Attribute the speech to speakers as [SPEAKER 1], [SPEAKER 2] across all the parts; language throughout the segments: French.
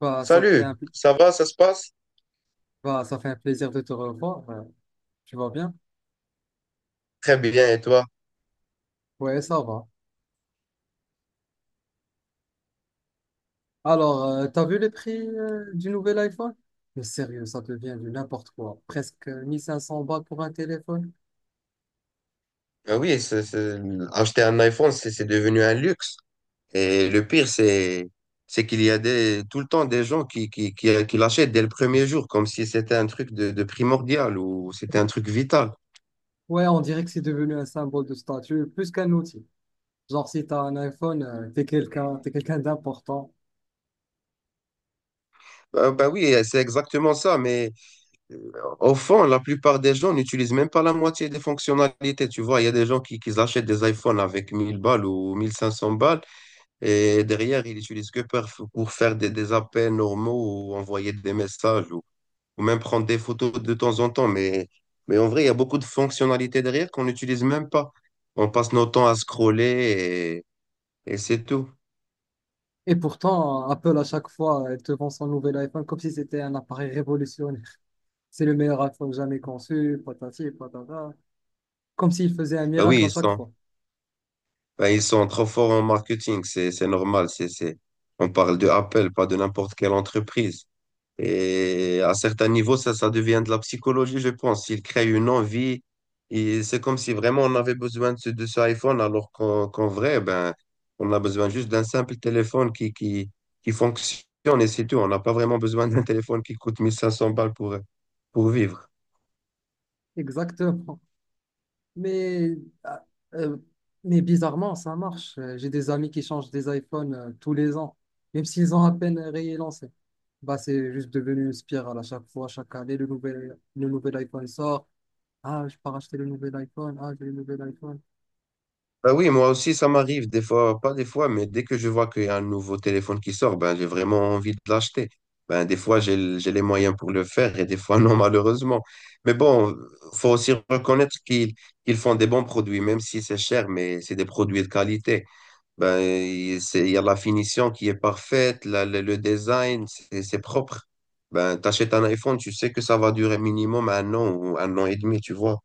[SPEAKER 1] Bah, ça fait
[SPEAKER 2] Salut, ça va, ça se passe?
[SPEAKER 1] un plaisir de te revoir. Tu vas bien?
[SPEAKER 2] Très bien, et toi?
[SPEAKER 1] Ouais, ça va. Alors, t'as vu les prix du nouvel iPhone? Mais sérieux, ça devient du n'importe quoi. Presque 1500 balles pour un téléphone.
[SPEAKER 2] Ah oui, c'est- c'est- Acheter un iPhone, c'est devenu un luxe. Et le pire, c'est qu'il y a tout le temps des gens qui l'achètent dès le premier jour, comme si c'était un truc de primordial ou c'était un truc vital.
[SPEAKER 1] Ouais, on dirait que c'est devenu un symbole de statut plus qu'un outil. Genre, si t'as un iPhone, t'es quelqu'un d'important.
[SPEAKER 2] Bah oui, c'est exactement ça, mais euh, au fond, la plupart des gens n'utilisent même pas la moitié des fonctionnalités. Tu vois, il y a des gens qui achètent des iPhones avec 1000 balles ou 1500 balles. Et derrière, ils utilisent pour faire des appels normaux ou envoyer des messages, ou même prendre des photos de temps en temps. Mais en vrai, il y a beaucoup de fonctionnalités derrière qu'on n'utilise même pas. On passe nos temps à scroller et c'est tout.
[SPEAKER 1] Et pourtant, Apple, à chaque fois, elle te vend son nouvel iPhone comme si c'était un appareil révolutionnaire. C'est le meilleur iPhone jamais conçu, patati, patata. Comme s'il faisait un
[SPEAKER 2] Bah oui,
[SPEAKER 1] miracle à
[SPEAKER 2] ils
[SPEAKER 1] chaque
[SPEAKER 2] sont,
[SPEAKER 1] fois.
[SPEAKER 2] bah ils sont trop forts en marketing, c'est normal. On parle de Apple, pas de n'importe quelle entreprise. Et à certains niveaux, ça devient de la psychologie, je pense. Il crée une envie. Et c'est comme si vraiment on avait besoin de de ce iPhone, alors qu'en vrai, ben, on a besoin juste d'un simple téléphone qui fonctionne et c'est tout. On n'a pas vraiment besoin d'un téléphone qui coûte 1500 balles pour vivre.
[SPEAKER 1] Exactement. Mais, euh, euh, mais, bizarrement, ça marche. J'ai des amis qui changent des iPhones tous les ans, même s'ils ont à peine réélancé. Bah, c'est juste devenu une spirale à chaque fois, chaque année, le nouvel iPhone sort. Ah, je peux racheter le nouvel iPhone. Ah, j'ai le nouvel iPhone.
[SPEAKER 2] Bah oui, moi aussi, ça m'arrive pas des fois, mais dès que je vois qu'il y a un nouveau téléphone qui sort, ben, j'ai vraiment envie de l'acheter. Ben, des fois, j'ai les moyens pour le faire et des fois, non, malheureusement. Mais bon, faut aussi reconnaître qu'ils font des bons produits, même si c'est cher, mais c'est des produits de qualité. Ben, il y a la finition qui est parfaite, le design, c'est propre. Ben, t'achètes un iPhone, tu sais que ça va durer minimum un an ou un an et demi, tu vois.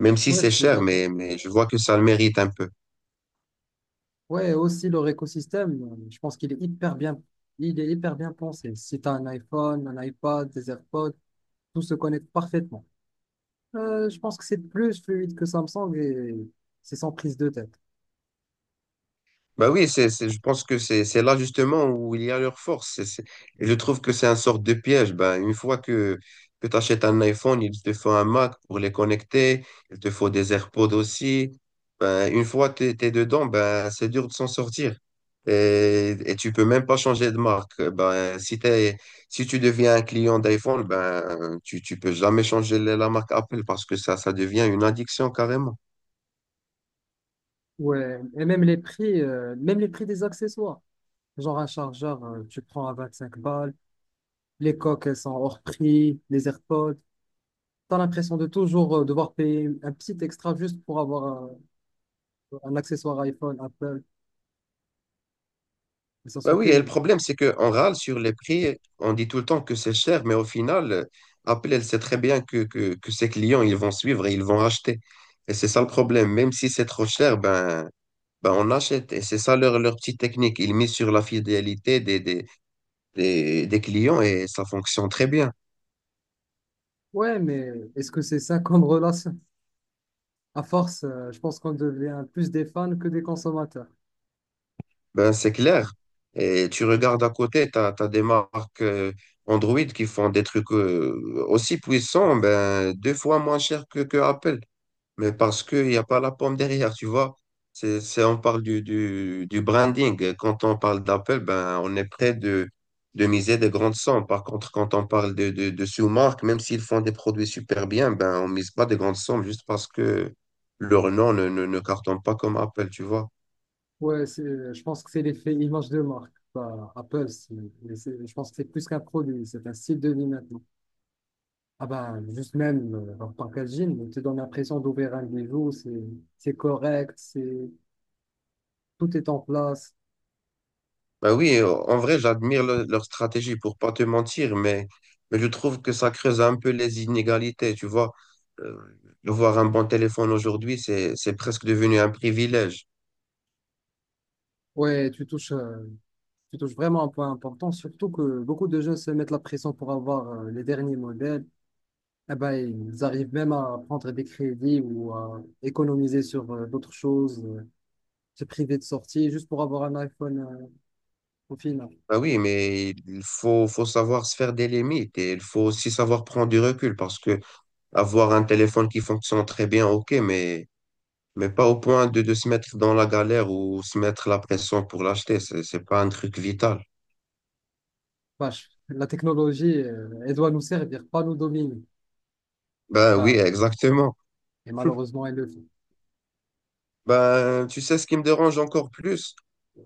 [SPEAKER 2] Même si
[SPEAKER 1] Ouais, je
[SPEAKER 2] c'est
[SPEAKER 1] suis
[SPEAKER 2] cher,
[SPEAKER 1] d'accord.
[SPEAKER 2] mais je vois que ça le mérite un peu.
[SPEAKER 1] Ouais, aussi leur écosystème, je pense qu'il est hyper bien, pensé. Si tu as un iPhone, un iPad, des AirPods, tout se connecte parfaitement. Je pense que c'est plus fluide que Samsung et c'est sans prise de tête.
[SPEAKER 2] Bah oui, je pense que c'est là justement où il y a leur force. Et je trouve que c'est un sorte de piège. Ben, une fois que tu achètes un iPhone, il te faut un Mac pour les connecter, il te faut des AirPods aussi. Ben, une fois que tu es, dedans, ben, c'est dur de s'en sortir. Et tu peux même pas changer de marque. Ben, si tu deviens un client d'iPhone, ben, tu peux jamais changer la marque Apple parce que ça devient une addiction carrément.
[SPEAKER 1] Ouais, et même les prix des accessoires. Genre un chargeur, tu prends à 25 balles, les coques, elles sont hors prix, les AirPods. T'as l'impression de toujours devoir payer un petit extra juste pour avoir un accessoire iPhone, Apple, mais ça se
[SPEAKER 2] Bah oui, et le
[SPEAKER 1] cumule.
[SPEAKER 2] problème, c'est qu'on râle sur les prix, on dit tout le temps que c'est cher, mais au final, Apple, elle sait très bien que ses clients, ils vont suivre et ils vont acheter. Et c'est ça le problème. Même si c'est trop cher, ben on achète. Et c'est ça leur petite technique. Ils misent sur la fidélité des clients et ça fonctionne très bien.
[SPEAKER 1] Ouais, mais est-ce que c'est ça comme relation? À force, je pense qu'on devient plus des fans que des consommateurs.
[SPEAKER 2] Ben, c'est clair. Et tu regardes à côté, tu as, des marques Android qui font des trucs aussi puissants, ben, deux fois moins cher que Apple. Mais parce qu'il n'y a pas la pomme derrière, tu vois. On parle du branding. Quand on parle d'Apple, ben, on est prêt de miser des grandes sommes. Par contre, quand on parle de sous-marques, même s'ils font des produits super bien, ben, on mise pas de grandes sommes juste parce que leur nom ne cartonne pas comme Apple, tu vois.
[SPEAKER 1] Ouais, je pense que c'est l'effet image de marque. Bah, Apple, je pense que c'est plus qu'un produit, c'est un style de vie maintenant. Ah bah, juste même leur packaging, on te donne l'impression d'ouvrir un bijou, c'est correct, c'est tout est en place.
[SPEAKER 2] Bah oui, en vrai, leur stratégie pour pas te mentir, mais je trouve que ça creuse un peu les inégalités, tu vois. Euh, de voir un bon téléphone aujourd'hui, c'est presque devenu un privilège.
[SPEAKER 1] Ouais, tu touches vraiment un point important, surtout que beaucoup de jeunes se mettent la pression pour avoir les derniers modèles. Eh ben, ils arrivent même à prendre des crédits ou à économiser sur d'autres choses, se priver de sorties juste pour avoir un iPhone au final.
[SPEAKER 2] Bah oui, mais faut savoir se faire des limites et il faut aussi savoir prendre du recul parce que avoir un téléphone qui fonctionne très bien, ok, mais pas au point de se mettre dans la galère ou se mettre la pression pour l'acheter, c'est pas un truc vital.
[SPEAKER 1] Vache, la technologie, elle doit nous servir, pas nous dominer.
[SPEAKER 2] Bah oui,
[SPEAKER 1] Ben,
[SPEAKER 2] exactement.
[SPEAKER 1] et malheureusement, elle le fait.
[SPEAKER 2] Ben, tu sais, ce qui me dérange encore plus,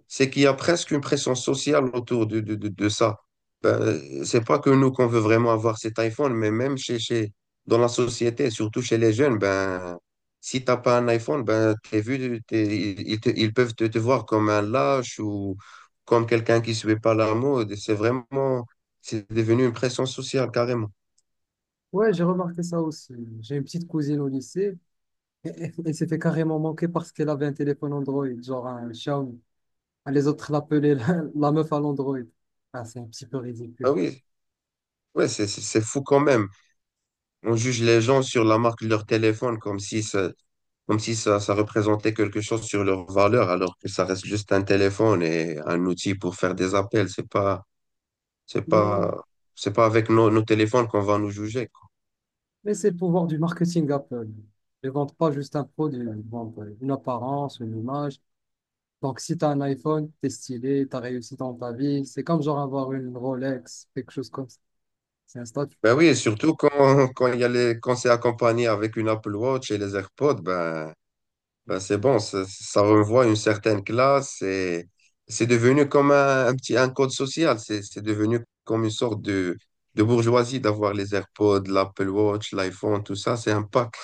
[SPEAKER 2] c'est qu'il y a presque une pression sociale autour de ça. Ben, c'est pas que nous qu'on veut vraiment avoir cet iPhone, mais même dans la société, surtout chez les jeunes, ben, si t'as pas un iPhone, ben, t'es vu, ils peuvent te voir comme un lâche ou comme quelqu'un qui suit pas la mode. C'est devenu une pression sociale carrément.
[SPEAKER 1] Ouais, j'ai remarqué ça aussi. J'ai une petite cousine au lycée, elle s'est fait carrément manquer parce qu'elle avait un téléphone Android, genre un Xiaomi. Ah, les autres l'appelaient la, la meuf à l'Android. Ah, c'est un petit peu
[SPEAKER 2] Ah
[SPEAKER 1] ridicule.
[SPEAKER 2] oui, ouais, c'est fou quand même. On juge les gens sur la marque de leur téléphone comme si ça représentait quelque chose sur leur valeur, alors que ça reste juste un téléphone et un outil pour faire des appels. C'est pas,
[SPEAKER 1] Mais,
[SPEAKER 2] c'est pas avec nos téléphones qu'on va nous juger, quoi.
[SPEAKER 1] mais, c'est le pouvoir du marketing Apple. Ils ne vendent pas juste un produit, ils vendent une apparence, une image. Donc, si tu as un iPhone, tu es stylé, tu as réussi dans ta vie. C'est comme genre avoir une Rolex, quelque chose comme ça. C'est un statut.
[SPEAKER 2] Ben oui, et surtout quand il y a les, quand c'est accompagné avec une Apple Watch et les AirPods, ben c'est bon, ça renvoie une certaine classe et c'est devenu comme un petit, un code social. C'est devenu comme une sorte de bourgeoisie d'avoir les AirPods, l'Apple Watch, l'iPhone, tout ça, c'est un pack.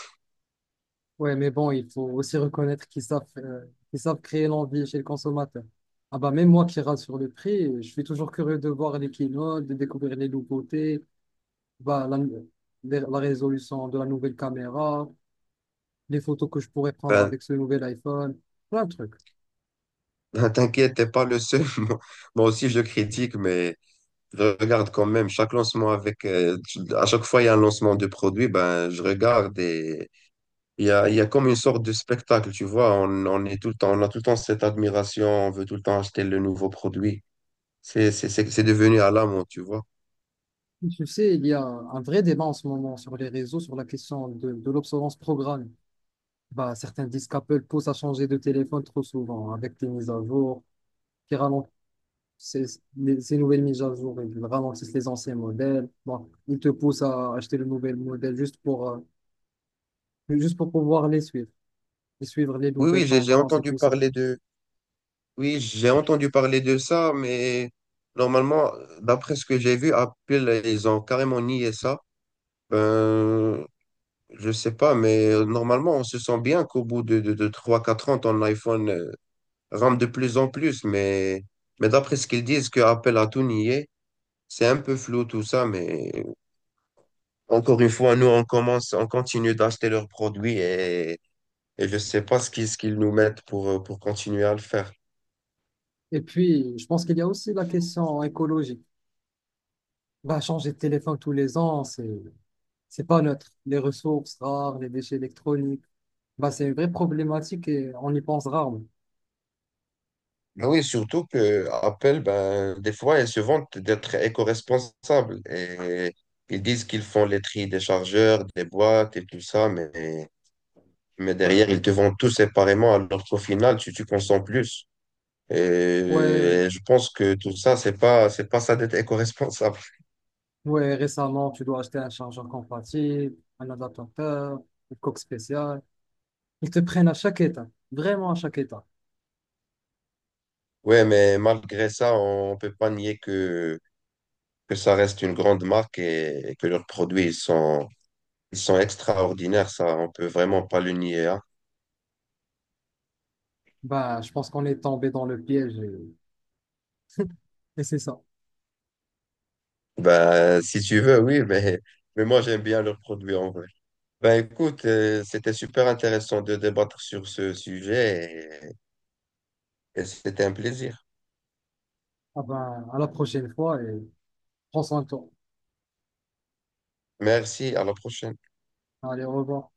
[SPEAKER 1] Ouais, mais bon, il faut aussi reconnaître qu'ils savent, créer l'envie chez le consommateur. Ah bah, même moi qui rate sur le prix, je suis toujours curieux de voir les quinoa, de découvrir les nouveautés. Bah, la résolution de la nouvelle caméra, les photos que je pourrais prendre
[SPEAKER 2] Ben,
[SPEAKER 1] avec ce nouvel iPhone, plein de trucs.
[SPEAKER 2] T'inquiète, t'es pas le seul. Moi aussi, je critique, mais je regarde quand même chaque lancement avec. À chaque fois, il y a un lancement de produit, ben, je regarde et il y a comme une sorte de spectacle, tu vois. On est tout le temps, on a tout le temps cette admiration, on veut tout le temps acheter le nouveau produit. C'est devenu à la, tu vois.
[SPEAKER 1] Tu sais, il y a un vrai débat en ce moment sur les réseaux sur la question de l'obsolescence programmée. Bah, certains disent qu'Apple pousse à changer de téléphone trop souvent avec les mises à jour qui ralentissent ces, ces nouvelles mises à jour, ils ralentissent les anciens modèles. Bon, ils te poussent à acheter le nouvel modèle juste pour pouvoir les suivre, et suivre les
[SPEAKER 2] Oui,
[SPEAKER 1] nouvelles
[SPEAKER 2] oui, j'ai
[SPEAKER 1] tendances et
[SPEAKER 2] entendu
[SPEAKER 1] tout ça.
[SPEAKER 2] parler de. Oui, j'ai entendu parler de ça, mais normalement, d'après ce que j'ai vu, Apple, ils ont carrément nié ça. Ben, je sais pas, mais normalement, on se sent bien qu'au bout de 3-4 ans, ton iPhone rampe de plus en plus. Mais d'après ce qu'ils disent, que Apple a tout nié, c'est un peu flou tout ça. Mais encore une fois, nous, on commence, on continue d'acheter leurs produits et je sais pas ce qu'ils nous mettent pour continuer à le faire.
[SPEAKER 1] Et puis, je pense qu'il y a aussi la question écologique. Bah, changer de téléphone tous les ans, c'est pas neutre. Les ressources rares, les déchets électroniques, bah, c'est une vraie problématique et on y pense rarement.
[SPEAKER 2] Mais oui, surtout que Apple, ben, des fois, ils se vantent d'être éco-responsables et ils disent qu'ils font les tri des chargeurs, des boîtes et tout ça. Mais derrière, ils te vendent tout séparément, alors qu'au final, tu consommes plus.
[SPEAKER 1] Ouais,
[SPEAKER 2] Et je pense que tout ça, c'est pas ça d'être éco-responsable.
[SPEAKER 1] ouais, récemment, tu dois acheter un chargeur compatible, un adaptateur, une coque spéciale. Ils te prennent à chaque état, vraiment à chaque état.
[SPEAKER 2] Ouais, mais malgré ça, on peut pas nier que ça reste une grande marque et que leurs produits, ils sont extraordinaires. Ça, on peut vraiment pas le nier, hein.
[SPEAKER 1] Bah, je pense qu'on est tombé dans le piège, et c'est ça.
[SPEAKER 2] Ben, si tu veux, oui, mais moi, j'aime bien leurs produits en vrai. Ben, écoute, c'était super intéressant de débattre sur ce sujet et c'était un plaisir.
[SPEAKER 1] Ah ben, à la prochaine fois et prends soin de toi.
[SPEAKER 2] Merci, à la prochaine.
[SPEAKER 1] Allez, au revoir.